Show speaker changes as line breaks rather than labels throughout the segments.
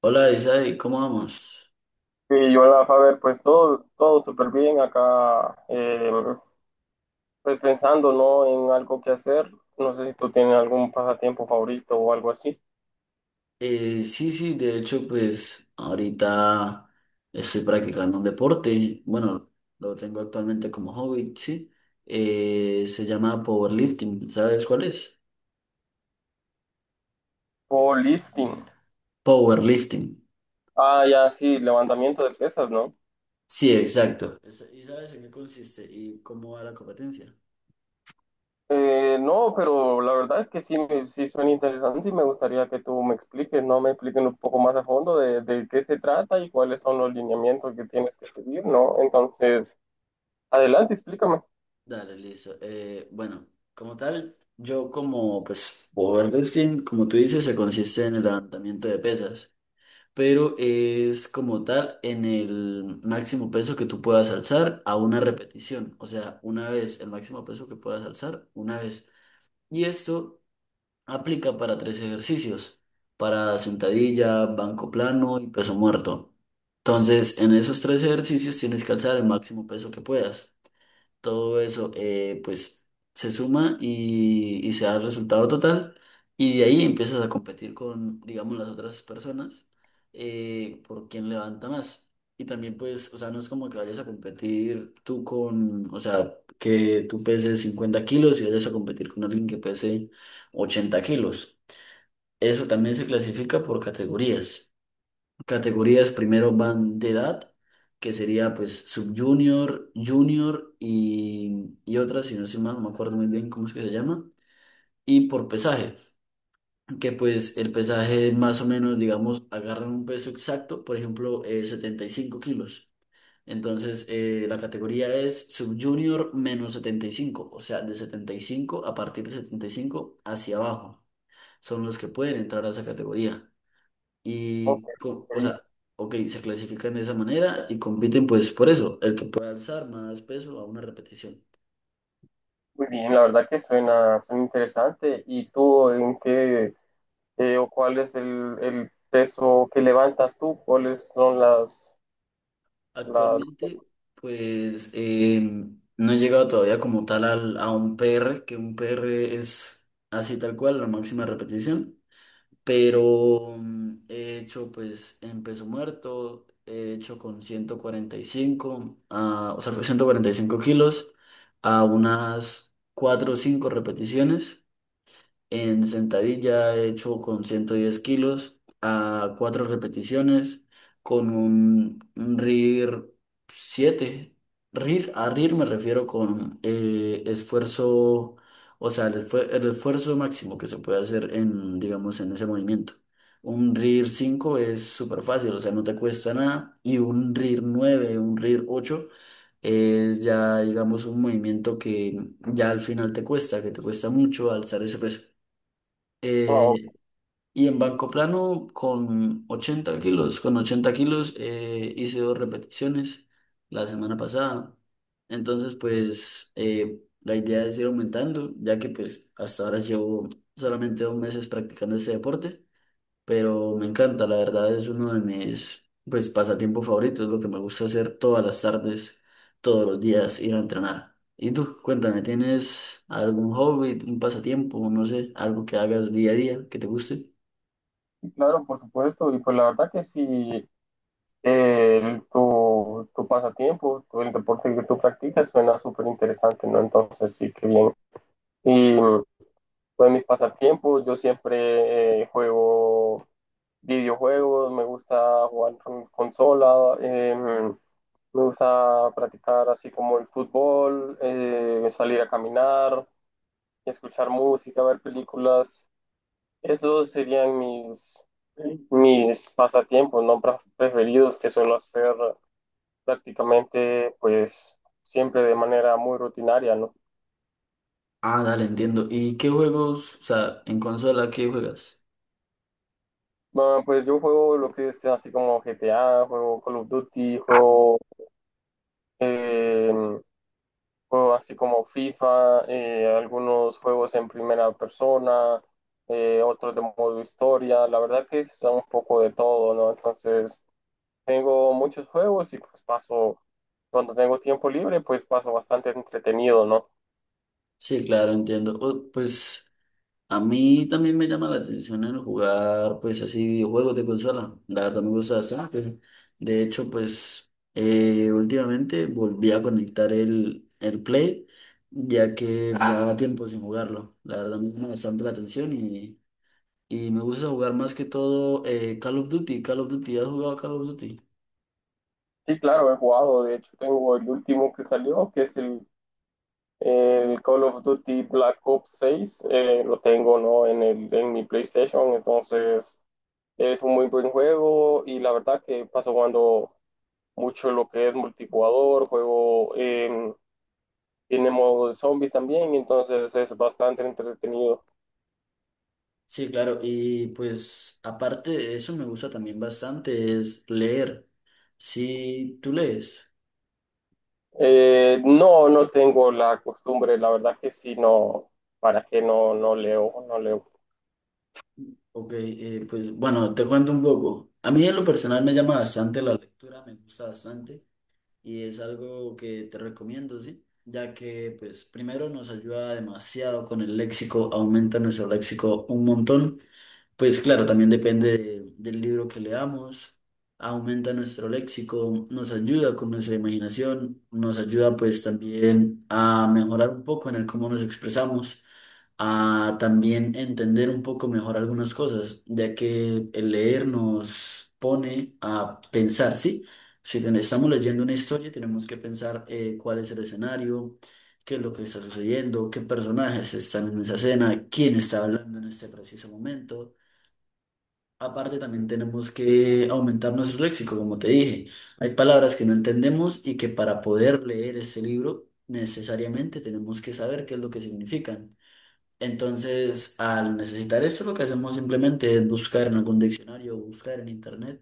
Hola Isai, ¿cómo vamos?
Y hola, Faber, pues todo súper bien acá, pues pensando, ¿no?, en algo que hacer. No sé si tú tienes algún pasatiempo favorito o algo así.
Sí, de hecho, pues ahorita estoy practicando un deporte, bueno, lo tengo actualmente como hobby, sí. Se llama powerlifting, ¿sabes cuál es?
O lifting.
Powerlifting,
Ah, ya, sí, levantamiento de pesas, ¿no?
sí, exacto. ¿Y sabes en qué consiste y cómo va la competencia?
No, pero la verdad es que sí, sí suena interesante y me gustaría que tú me expliques, ¿no? Me expliques un poco más a fondo de qué se trata y cuáles son los lineamientos que tienes que seguir, ¿no? Entonces, adelante, explícame.
Dale, listo. Bueno, como tal, yo como, pues, powerlifting, como tú dices, se consiste en el levantamiento de pesas, pero es como tal en el máximo peso que tú puedas alzar a una repetición, o sea, una vez, el máximo peso que puedas alzar una vez. Y esto aplica para tres ejercicios, para sentadilla, banco plano y peso muerto. Entonces, en esos tres ejercicios tienes que alzar el máximo peso que puedas. Todo eso, pues se suma y se da el resultado total. Y de ahí empiezas a competir con, digamos, las otras personas, por quién levanta más. Y también, pues, o sea, no es como que vayas a competir tú con, o sea, que tú peses 50 kilos y vayas a competir con alguien que pese 80 kilos. Eso también se clasifica por categorías. Categorías primero van de edad, que sería pues sub-junior, junior y otra, si no estoy mal, no me acuerdo muy bien cómo es que se llama, y por pesaje, que pues el pesaje más o menos, digamos, agarran un peso exacto, por ejemplo, 75 kilos. Entonces, la categoría es subjunior menos 75, o sea, de 75, a partir de 75 hacia abajo, son los que pueden entrar a esa categoría.
Ok.
O sea, se clasifican de esa manera y compiten pues por eso, el que pueda alzar más peso a una repetición.
Muy bien, la verdad que suena interesante. ¿Y tú en qué o cuál es el peso que levantas tú? ¿Cuáles son las...
Actualmente, pues eh, no he llegado todavía como tal a un PR, que un PR es así tal cual, la máxima repetición, pero he hecho pues en peso muerto, he hecho con 145, ah, o sea, con 145 kilos a unas 4 o 5 repeticiones. En sentadilla he hecho con 110 kilos a cuatro repeticiones con un RIR 7. RIR, a RIR me refiero con esfuerzo, o sea, el esfuerzo máximo que se puede hacer en, digamos, en ese movimiento. Un RIR 5 es súper fácil, o sea, no te cuesta nada. Y un RIR nueve, un RIR 8 es ya, digamos, un movimiento que ya al final te cuesta, que te cuesta mucho alzar ese peso.
No,
Eh, y en banco plano con 80 kilos, con 80 kilos, hice dos repeticiones la semana pasada. Entonces, la idea es ir aumentando, ya que pues hasta ahora llevo solamente 2 meses practicando ese deporte, pero me encanta, la verdad es uno de mis pues pasatiempos favoritos, lo que me gusta hacer todas las tardes, todos los días, ir a entrenar. Y tú, cuéntame, ¿tienes algún hobby, un pasatiempo, no sé, algo que hagas día a día que te guste?
sí, claro, por supuesto. Y pues la verdad que sí, tu pasatiempo, el deporte que tú practicas suena súper interesante, ¿no? Entonces sí, qué bien. Pues mis pasatiempos, yo siempre juego videojuegos, me gusta jugar con consola, me gusta practicar así como el fútbol, salir a caminar, escuchar música, ver películas. Esos serían mis pasatiempos, no Pra- preferidos que suelo hacer prácticamente pues siempre de manera muy rutinaria, ¿no?
Ah, dale, entiendo. ¿Y qué juegos, o sea, en consola, qué juegas?
Bueno, pues yo juego lo que es así como GTA, juego Call of Duty, eh, juego así como FIFA, algunos juegos en primera persona, otros de modo historia. La verdad que es un poco de todo, ¿no? Entonces, tengo muchos juegos y pues cuando tengo tiempo libre, pues paso bastante entretenido, ¿no?
Sí, claro, entiendo. Oh, pues a mí también me llama la atención el jugar, pues, así videojuegos de consola. La verdad me gusta bastante. De hecho, pues, últimamente volví a conectar el Play, ya que ya, ah, tiempo sin jugarlo. La verdad me llama bastante la atención y me gusta jugar más que todo, Call of Duty. Call of Duty, ¿has jugado Call of Duty?
Sí, claro, he jugado. De hecho, tengo el último que salió, que es el Call of Duty Black Ops 6. Eh, lo tengo, ¿no?, en mi PlayStation. Entonces es un muy buen juego y la verdad que paso jugando mucho lo que es multijugador, tiene modo de zombies también, entonces es bastante entretenido.
Sí, claro. Y pues, aparte de eso, me gusta también bastante es leer. ¿Si tú lees?
No, no tengo la costumbre, la verdad que sí, no, para qué, no, no leo, no leo.
Ok, pues bueno, te cuento un poco. A mí en lo personal me llama bastante la lectura, me gusta bastante y es algo que te recomiendo, ¿sí? Ya que, pues, primero nos ayuda demasiado con el léxico, aumenta nuestro léxico un montón. Pues claro, también depende del libro que leamos, aumenta nuestro léxico, nos ayuda con nuestra imaginación, nos ayuda pues también a mejorar un poco en el cómo nos expresamos, a también entender un poco mejor algunas cosas, ya que el leer nos pone a pensar, ¿sí? Si ten- Estamos leyendo una historia, tenemos que pensar, cuál es el escenario, qué es lo que está sucediendo, qué personajes están en esa escena, quién está hablando en este preciso momento. Aparte, también tenemos que aumentar nuestro léxico, como te dije. Hay palabras que no entendemos y que para poder leer este libro necesariamente tenemos que saber qué es lo que significan. Entonces, al necesitar esto, lo que hacemos simplemente es buscar en algún diccionario o buscar en internet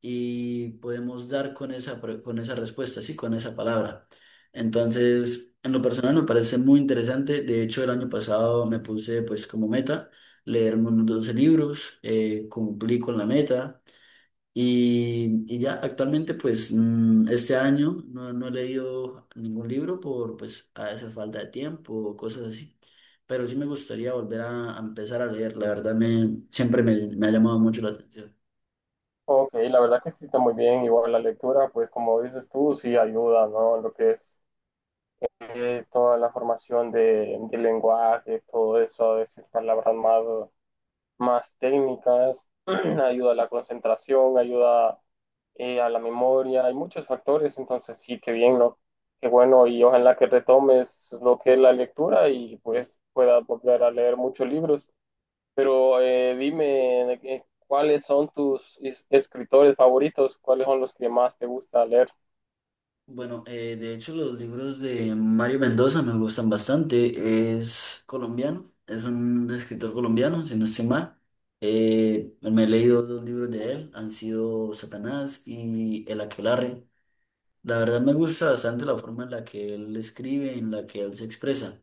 y podemos dar con con esa respuesta, sí, con esa palabra. Entonces, en lo personal me parece muy interesante. De hecho, el año pasado me puse pues como meta leerme unos 12 libros, cumplí con la meta. Y ya actualmente, pues este año no, no he leído ningún libro por pues a esa falta de tiempo o cosas así, pero sí me gustaría volver a empezar a leer, la verdad me, siempre me, me ha llamado mucho la atención.
Ok, la verdad que sí está muy bien, igual la lectura, pues como dices tú, sí ayuda, ¿no? Lo que es toda la formación de lenguaje, todo eso, a veces más técnicas, ayuda a la concentración, ayuda a la memoria, hay muchos factores, entonces sí, qué bien, ¿no? Qué bueno, y ojalá que retomes lo que es la lectura y pues puedas volver a leer muchos libros. Pero dime, ¿cuáles son tus escritores favoritos? ¿Cuáles son los que más te gusta leer?
Bueno, de hecho los libros de Mario Mendoza me gustan bastante, es colombiano, es un escritor colombiano, si no estoy mal. Me he leído dos libros de él, han sido Satanás y El Aquelarre. La verdad me gusta bastante la forma en la que él escribe, en la que él se expresa,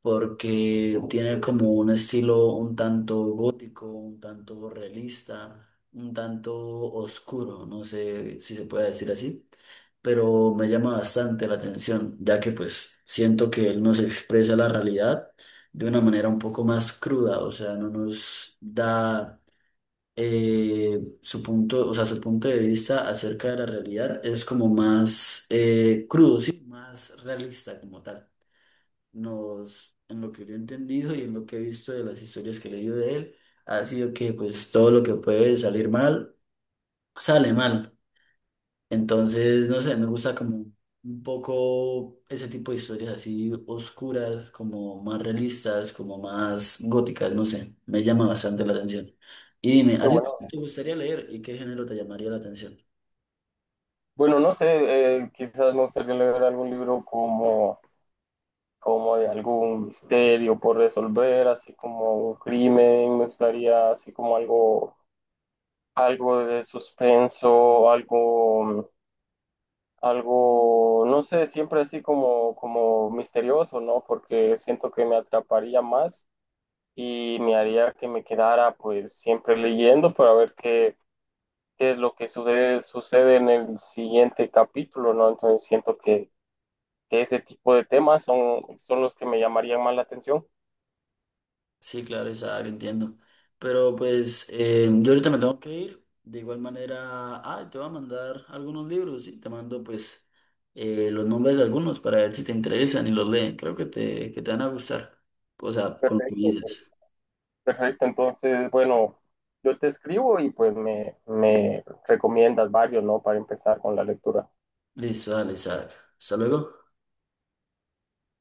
porque tiene como un estilo un tanto gótico, un tanto realista, un tanto oscuro, no sé si se puede decir así, pero me llama bastante la atención, ya que pues siento que él nos expresa la realidad de una manera un poco más cruda, o sea, no nos da, su punto, o sea, su punto de vista acerca de la realidad es como más, crudo, sí, más realista como tal. Nos, en lo que yo he entendido y en lo que he visto de las historias que he leído de él, ha sido que pues todo lo que puede salir mal, sale mal. Entonces, no sé, me gusta como un poco ese tipo de historias así oscuras, como más realistas, como más góticas, no sé, me llama bastante la atención. Y dime, ¿a
Qué
ti,
bueno.
sí, te gustaría leer y qué género te llamaría la atención?
Bueno, no sé, quizás me gustaría leer algún libro como de algún misterio por resolver, así como un crimen, me gustaría así como algo, algo de suspenso, algo, algo, no sé, siempre así como misterioso, ¿no? Porque siento que me atraparía más y me haría que me quedara pues siempre leyendo para ver qué es lo que sucede, sucede en el siguiente capítulo, ¿no? Entonces siento que ese tipo de temas son los que me llamarían más la atención.
Sí, claro, esa entiendo. Pero pues yo ahorita me tengo que ir. De igual manera, ah, te voy a mandar algunos libros y te mando pues los nombres de algunos para ver si te interesan y los leen. Creo que que te van a gustar. O sea, con lo que me
Perfecto,
dices.
perfecto. Entonces, bueno, yo te escribo y pues me recomiendas varios, ¿no?, para empezar con la lectura.
Listo, dale, Isaac. Hasta luego.